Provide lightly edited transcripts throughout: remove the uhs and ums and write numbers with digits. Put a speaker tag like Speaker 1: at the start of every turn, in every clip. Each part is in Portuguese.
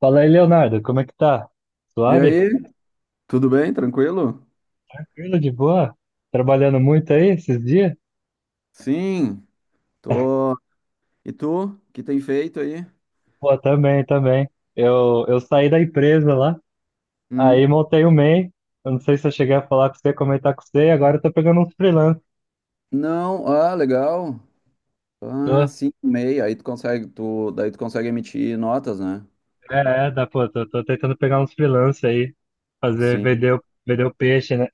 Speaker 1: Fala aí, Leonardo, como é que tá?
Speaker 2: E
Speaker 1: Suave?
Speaker 2: aí, tudo bem? Tranquilo?
Speaker 1: Tranquilo, de boa? Trabalhando muito aí esses dias?
Speaker 2: Sim, tô. E tu? O que tem feito aí?
Speaker 1: Pô, também, também. Eu saí da empresa lá, aí
Speaker 2: Hum.
Speaker 1: montei o MEI. Eu não sei se eu cheguei a falar com você, comentar com você, e agora eu tô pegando uns freelance.
Speaker 2: Não, legal. Ah,
Speaker 1: Tô,
Speaker 2: sim, meia. Aí tu consegue, daí tu consegue emitir notas, né?
Speaker 1: é, é, dá, pô, tô, tô tentando pegar uns freelance aí, fazer,
Speaker 2: Sim,
Speaker 1: vender, vender o peixe, né?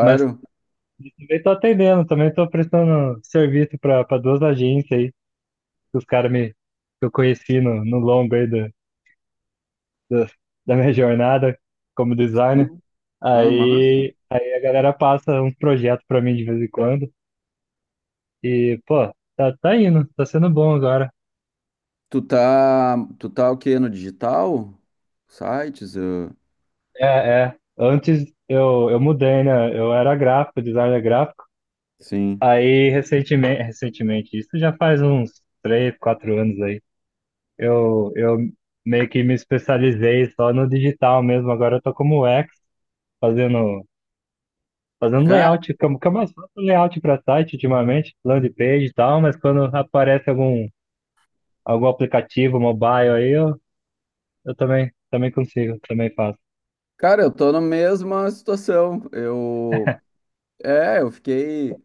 Speaker 1: Mas também tô atendendo, também tô prestando serviço pra duas agências aí, que os caras me, que eu conheci no longo aí da, da minha jornada como designer.
Speaker 2: Sim. Ah, massa.
Speaker 1: Aí a galera passa uns projetos pra mim de vez em quando. E, pô, tá, tá indo, tá sendo bom agora.
Speaker 2: Tu tá o quê? No digital? Sites?
Speaker 1: É, é. Antes eu, mudei, né? Eu era gráfico, designer gráfico.
Speaker 2: Sim.
Speaker 1: Aí recentemente, recentemente, isso já faz uns três, quatro anos aí. Eu meio que me especializei só no digital mesmo. Agora eu tô como UX, fazendo fazendo
Speaker 2: Cara,
Speaker 1: layout, fica mais fácil o layout para site ultimamente, landing page e tal, mas quando aparece algum, algum aplicativo mobile aí, eu também, também consigo, também faço.
Speaker 2: cara, eu tô na mesma situação. É, eu fiquei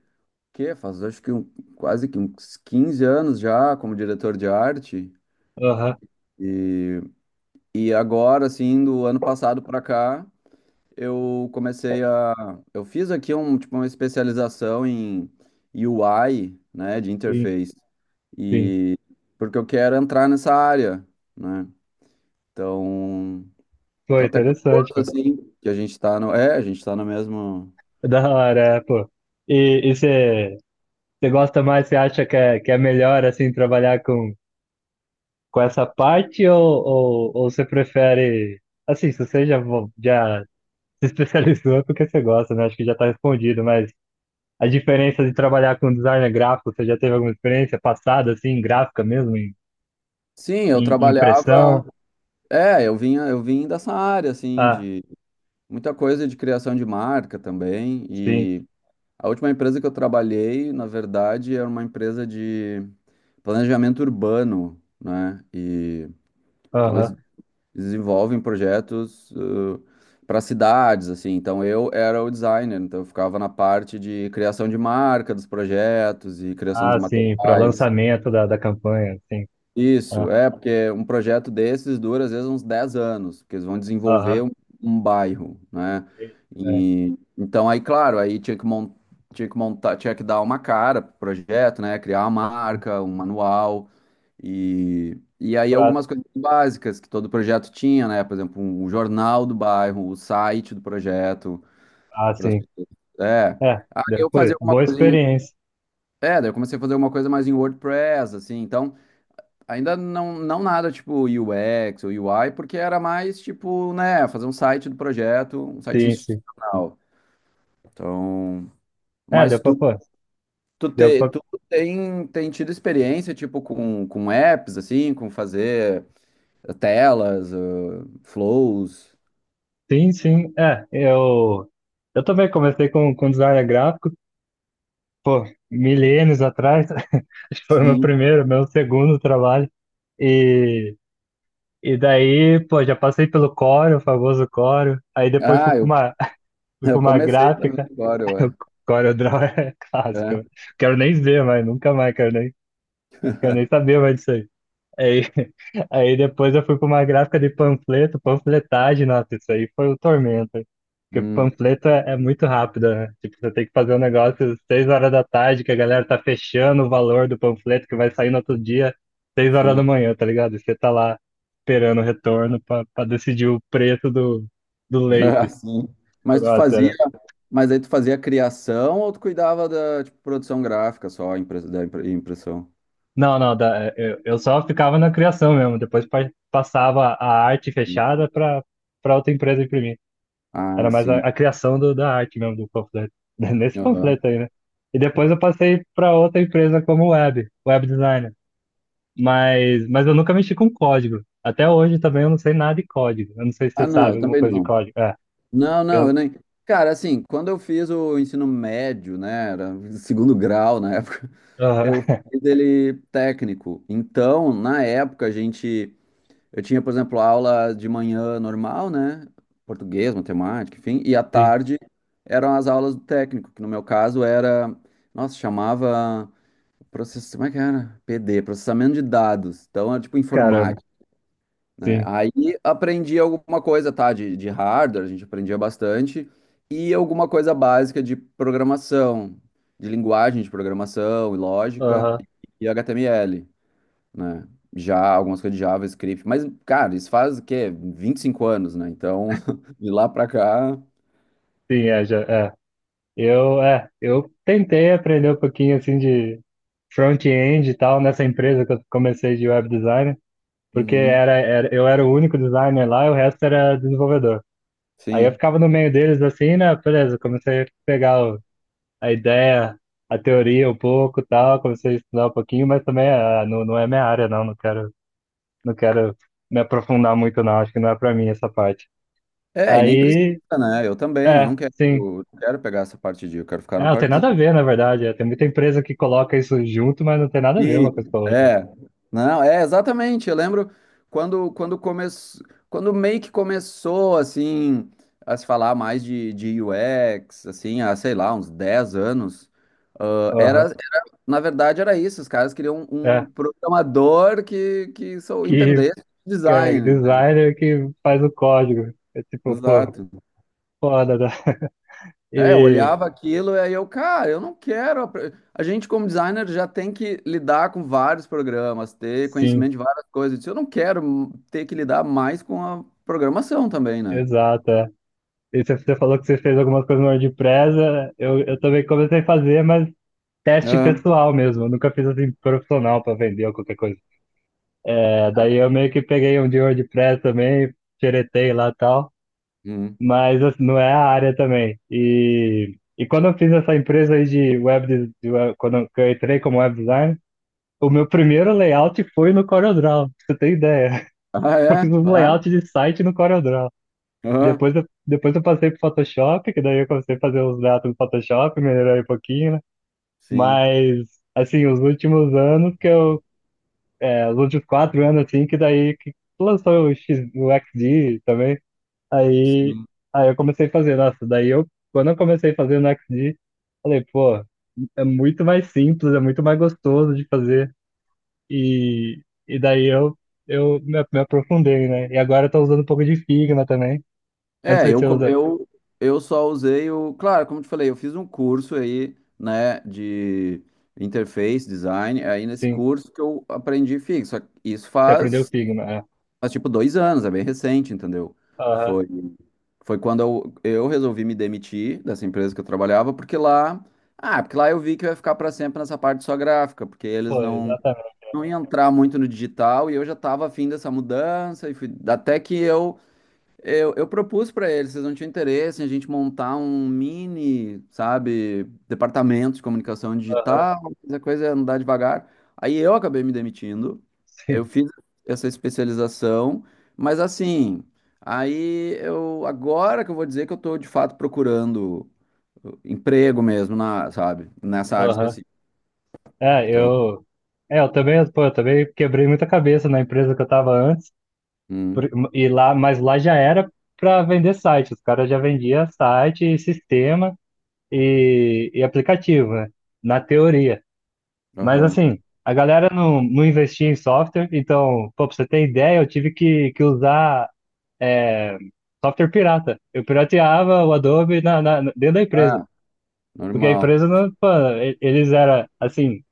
Speaker 2: que faz acho que quase que uns 15 anos já como diretor de arte.
Speaker 1: Aham,
Speaker 2: E, e agora, assim, do ano passado para cá, eu comecei a. Eu fiz aqui um, tipo, uma especialização em UI, né, de
Speaker 1: sim,
Speaker 2: interface.
Speaker 1: sim.
Speaker 2: E porque eu quero entrar nessa área, né? Então,
Speaker 1: Pô,
Speaker 2: tô até curioso,
Speaker 1: interessante, pô.
Speaker 2: assim, que a gente tá no. É, a gente tá no mesmo.
Speaker 1: É, da hora, é, pô. E você gosta mais, você acha que é melhor, assim, trabalhar com essa parte ou você prefere, assim, se você já, já se especializou é porque você gosta, né? Acho que já tá respondido, mas a diferença de trabalhar com designer gráfico, você já teve alguma experiência passada, assim, gráfica mesmo, em,
Speaker 2: Sim, eu
Speaker 1: em impressão?
Speaker 2: trabalhava. É, eu vim dessa área, assim,
Speaker 1: Ah,
Speaker 2: de muita coisa de criação de marca também.
Speaker 1: sim,
Speaker 2: E a última empresa que eu trabalhei, na verdade, era uma empresa de planejamento urbano, né? E então eles
Speaker 1: aham.
Speaker 2: desenvolvem projetos para cidades, assim. Então eu era o designer, então eu ficava na parte de criação de marca dos projetos e criação dos
Speaker 1: Ah, sim, para
Speaker 2: materiais.
Speaker 1: lançamento da campanha, sim.
Speaker 2: Isso,
Speaker 1: Ah,
Speaker 2: é, porque um projeto desses dura às vezes uns 10 anos, porque eles vão
Speaker 1: aham,
Speaker 2: desenvolver um bairro, né?
Speaker 1: sim, é,
Speaker 2: E, então aí, claro, aí tinha que montar, tinha que dar uma cara pro projeto, né? Criar uma marca, um manual e aí
Speaker 1: pra,
Speaker 2: algumas coisas básicas que todo projeto tinha, né? Por exemplo, o jornal do bairro, o site do projeto,
Speaker 1: ah,
Speaker 2: para as
Speaker 1: sim.
Speaker 2: pessoas. É.
Speaker 1: É,
Speaker 2: Aí eu fazia
Speaker 1: depois,
Speaker 2: alguma
Speaker 1: boa
Speaker 2: coisa em,
Speaker 1: experiência.
Speaker 2: é, daí eu comecei a fazer alguma coisa mais em WordPress, assim, então ainda não, não nada tipo UX ou UI, porque era mais tipo, né, fazer um site do projeto, um site
Speaker 1: Sim, sim.
Speaker 2: institucional. Então,
Speaker 1: É,
Speaker 2: mas
Speaker 1: deu pra,
Speaker 2: tu,
Speaker 1: pô, deu pra,
Speaker 2: tu tem, tem tido experiência, tipo, com apps, assim, com fazer telas, flows.
Speaker 1: sim, sim. É, eu também comecei com design gráfico, pô, milênios atrás. Acho que foi o meu
Speaker 2: Sim.
Speaker 1: primeiro, meu segundo trabalho. E daí, pô, já passei pelo Corel, o famoso Corel. Aí depois fui
Speaker 2: Ah,
Speaker 1: pra
Speaker 2: eu,
Speaker 1: uma, fui pra
Speaker 2: eu
Speaker 1: uma
Speaker 2: comecei também
Speaker 1: gráfica.
Speaker 2: agora, ué.
Speaker 1: O Corel Draw é clássico, né?
Speaker 2: É.
Speaker 1: Quero nem ver mais, nunca mais, quero nem saber mais disso aí. Aí, aí depois eu fui para uma gráfica de panfleto, panfletagem, nossa, isso aí foi o tormento. Porque
Speaker 2: Hum,
Speaker 1: panfleto é muito rápido, né? Tipo, você tem que fazer um negócio às seis horas da tarde, que a galera tá fechando o valor do panfleto, que vai sair no outro dia, seis horas da
Speaker 2: sim.
Speaker 1: manhã, tá ligado? E você tá lá esperando o retorno para decidir o preço do leite.
Speaker 2: Sim.
Speaker 1: Tipo,
Speaker 2: Mas tu
Speaker 1: nossa,
Speaker 2: fazia,
Speaker 1: era...
Speaker 2: mas aí tu fazia criação ou tu cuidava da, tipo, produção gráfica só, impressão?
Speaker 1: Não, não, da- eu, só ficava na criação mesmo, depois passava a arte fechada para outra empresa imprimir. Era
Speaker 2: Ah,
Speaker 1: mais a,
Speaker 2: sim.
Speaker 1: a criação do, da arte mesmo, do panfleto. Nesse
Speaker 2: Aham.
Speaker 1: panfleto aí, né? E depois eu passei para outra empresa como web, web designer. Mas eu nunca mexi com código. Até hoje também eu não sei nada de código. Eu não sei se
Speaker 2: Ah,
Speaker 1: você
Speaker 2: não,
Speaker 1: sabe
Speaker 2: eu
Speaker 1: alguma
Speaker 2: também
Speaker 1: coisa de
Speaker 2: não.
Speaker 1: código. É,
Speaker 2: Não, eu
Speaker 1: eu,
Speaker 2: nem. Cara, assim, quando eu fiz o ensino médio, né, era segundo grau na época,
Speaker 1: aham,
Speaker 2: eu fiz ele técnico. Então, na época, a gente. Eu tinha, por exemplo, aula de manhã normal, né? Português, matemática, enfim. E à
Speaker 1: sim,
Speaker 2: tarde eram as aulas do técnico, que no meu caso era. Nossa, chamava. Process... Como é que era? PD, processamento de dados. Então, era tipo
Speaker 1: caramba,
Speaker 2: informática. Né?
Speaker 1: sim,
Speaker 2: Aí aprendi alguma coisa, tá? De hardware, a gente aprendia bastante, e alguma coisa básica de programação, de linguagem de programação e lógica,
Speaker 1: aham,
Speaker 2: e HTML, né? Já algumas coisas de JavaScript, mas, cara, isso faz o quê? 25 anos, né? Então, de lá pra cá,
Speaker 1: sim, é, já, é. Eu, é, eu tentei aprender um pouquinho assim de front-end e tal nessa empresa que eu comecei de web designer, porque
Speaker 2: uhum,
Speaker 1: era, eu era o único designer lá e o resto era desenvolvedor. Aí eu
Speaker 2: sim.
Speaker 1: ficava no meio deles assim, né? Beleza, comecei a pegar a ideia, a teoria um pouco, e tal, comecei a estudar um pouquinho, mas também ah, não, não é minha área, não, não quero, não quero me aprofundar muito, não, acho que não é pra mim essa parte.
Speaker 2: É, e nem precisa,
Speaker 1: Aí,
Speaker 2: né? Eu
Speaker 1: é,
Speaker 2: não quero,
Speaker 1: sim.
Speaker 2: não quero pegar essa parte de, eu quero ficar
Speaker 1: É,
Speaker 2: na
Speaker 1: não tem
Speaker 2: parte
Speaker 1: nada a ver, na verdade, é, tem muita empresa que coloca isso junto, mas não tem nada a ver uma coisa
Speaker 2: sim,
Speaker 1: com a outra.
Speaker 2: é. Não, é exatamente. Eu lembro quando começou, quando meio que começou assim a se falar mais de UX, assim, há, sei lá, uns 10 anos, ah, era,
Speaker 1: Aham.
Speaker 2: era- na verdade era isso, os caras queriam um
Speaker 1: É,
Speaker 2: programador que sou
Speaker 1: que
Speaker 2: entendesse
Speaker 1: é,
Speaker 2: design, né?
Speaker 1: designer que faz o código. É tipo, pô,
Speaker 2: Exato.
Speaker 1: foda, né?
Speaker 2: É, eu
Speaker 1: E
Speaker 2: olhava aquilo e aí eu, cara, eu não quero. A gente, como designer, já tem que lidar com vários programas, ter
Speaker 1: sim.
Speaker 2: conhecimento de várias coisas. Eu disse, eu não quero ter que lidar mais com a programação também, né?
Speaker 1: Exato, é. E você falou que você fez algumas coisas no WordPress, é, eu, também comecei a fazer, mas teste
Speaker 2: Ah,
Speaker 1: pessoal mesmo. Eu nunca fiz assim profissional para vender ou qualquer coisa. É, daí eu meio que peguei um de WordPress também, xeretei lá e tal,
Speaker 2: hum.
Speaker 1: mas assim, não é a área também. E quando eu fiz essa empresa aí de web, de quando eu que eu entrei como web designer, o meu primeiro layout foi no CorelDRAW, pra você ter ideia.
Speaker 2: Ah,
Speaker 1: Eu
Speaker 2: é?
Speaker 1: fiz um
Speaker 2: Claro.
Speaker 1: layout de site no CorelDRAW.
Speaker 2: Ah,
Speaker 1: Depois eu passei pro Photoshop, que daí eu comecei a fazer os gatos no Photoshop, melhorei um pouquinho, né?
Speaker 2: sim,
Speaker 1: Mas, assim, os últimos anos que eu. É, os últimos quatro anos, assim, que daí que lançou o, X, o XD também. Aí,
Speaker 2: sim.
Speaker 1: aí eu comecei a fazer. Nossa, daí eu. Quando eu comecei a fazer no XD, falei, pô, é muito mais simples, é muito mais gostoso de fazer. E daí eu me, me aprofundei, né? E agora eu tô usando um pouco de Figma também. Eu não
Speaker 2: É,
Speaker 1: sei se
Speaker 2: eu,
Speaker 1: você
Speaker 2: co-
Speaker 1: usa.
Speaker 2: eu, eu só usei o. Claro, como eu te falei, eu fiz um curso aí, né, de interface design. Aí nesse
Speaker 1: Sim.
Speaker 2: curso que eu aprendi fixo. Isso
Speaker 1: Você aprendeu
Speaker 2: faz
Speaker 1: Figma, é.
Speaker 2: mas tipo 2 anos, é bem recente, entendeu?
Speaker 1: Aham,
Speaker 2: Foi, foi quando eu resolvi me demitir dessa empresa que eu trabalhava, porque lá. Ah, porque lá eu vi que eu ia ficar para sempre nessa parte só gráfica, porque eles
Speaker 1: pô,
Speaker 2: não,
Speaker 1: exatamente.
Speaker 2: não iam entrar muito no digital e eu já estava afim dessa mudança, e até que eu propus para eles, vocês não tinham interesse em a gente montar um mini, sabe, departamento de comunicação
Speaker 1: Aham,
Speaker 2: digital, mas a coisa é andar devagar. Aí eu acabei me demitindo, eu
Speaker 1: sim.
Speaker 2: fiz essa especialização, mas assim, aí eu, agora que eu vou dizer que eu estou de fato procurando emprego mesmo, na, sabe, nessa área
Speaker 1: Aham.
Speaker 2: específica.
Speaker 1: É,
Speaker 2: Então,
Speaker 1: eu. É, eu também, pô, eu também quebrei muita cabeça na empresa que eu tava antes.
Speaker 2: hum,
Speaker 1: Por- E lá, mas lá já era para vender site. Os caras já vendiam site, e sistema e aplicativo, né? Na teoria. Mas
Speaker 2: aham.
Speaker 1: assim, a galera não, não investia em software, então, pô, pra você ter ideia, eu tive que usar é, software pirata. Eu pirateava o Adobe na, dentro da empresa.
Speaker 2: Ah,
Speaker 1: Porque a
Speaker 2: normal.
Speaker 1: empresa, pô, e- eles era assim,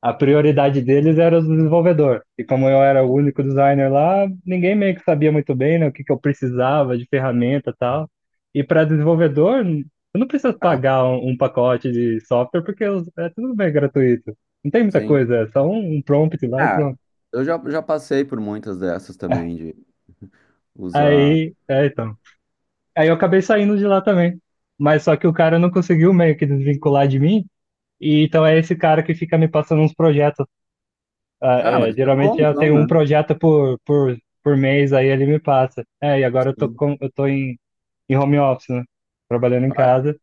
Speaker 1: a prioridade deles era o desenvolvedor. E como eu era o único designer lá, ninguém meio que sabia muito bem, né, o que que eu precisava de ferramenta e tal. E para desenvolvedor, n- eu não preciso
Speaker 2: Ah,
Speaker 1: pagar um, um pacote de software porque é tudo bem gratuito. Não tem muita
Speaker 2: sim.
Speaker 1: coisa, é só um, um prompt lá e
Speaker 2: Ah,
Speaker 1: pronto.
Speaker 2: eu já, já passei por muitas dessas também, usar.
Speaker 1: Aí, é, então. Aí eu acabei saindo de lá também. Mas só que o cara não conseguiu meio que desvincular de mim. E então é esse cara que fica me passando uns projetos ah,
Speaker 2: Ah, mas
Speaker 1: é,
Speaker 2: isso é
Speaker 1: geralmente
Speaker 2: bom
Speaker 1: eu
Speaker 2: então,
Speaker 1: tenho um
Speaker 2: né?
Speaker 1: projeto por mês, aí ele me passa. É, e agora eu tô,
Speaker 2: Sim.
Speaker 1: com, eu tô em, em home office, né? Trabalhando em
Speaker 2: Ah,
Speaker 1: casa.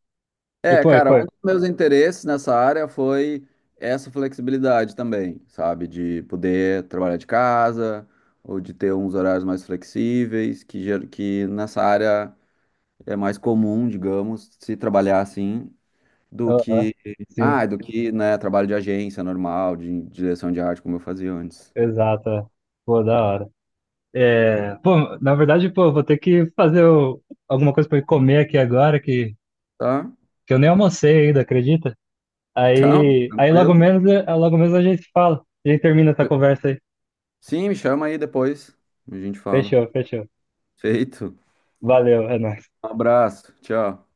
Speaker 1: E
Speaker 2: é,
Speaker 1: pô, e,
Speaker 2: cara,
Speaker 1: pô.
Speaker 2: um dos meus interesses nessa área foi essa flexibilidade também, sabe? De poder trabalhar de casa ou de ter uns horários mais flexíveis, que nessa área é mais comum, digamos, se trabalhar assim, do
Speaker 1: Aham,
Speaker 2: que,
Speaker 1: sim,
Speaker 2: ah, do que, né, trabalho de agência normal, de direção de arte, como eu fazia antes.
Speaker 1: exato, é. Pô, da hora. É, pô, na verdade, pô, vou ter que fazer alguma coisa pra eu comer aqui agora,
Speaker 2: Tá?
Speaker 1: que eu nem almocei ainda, acredita?
Speaker 2: Então,
Speaker 1: Aí, aí logo
Speaker 2: tranquilo.
Speaker 1: menos, é, logo menos a gente fala. A gente termina essa conversa aí.
Speaker 2: Sim, me chama aí depois, a gente fala.
Speaker 1: Fechou, fechou.
Speaker 2: Feito.
Speaker 1: Valeu, é nóis.
Speaker 2: Um abraço. Tchau.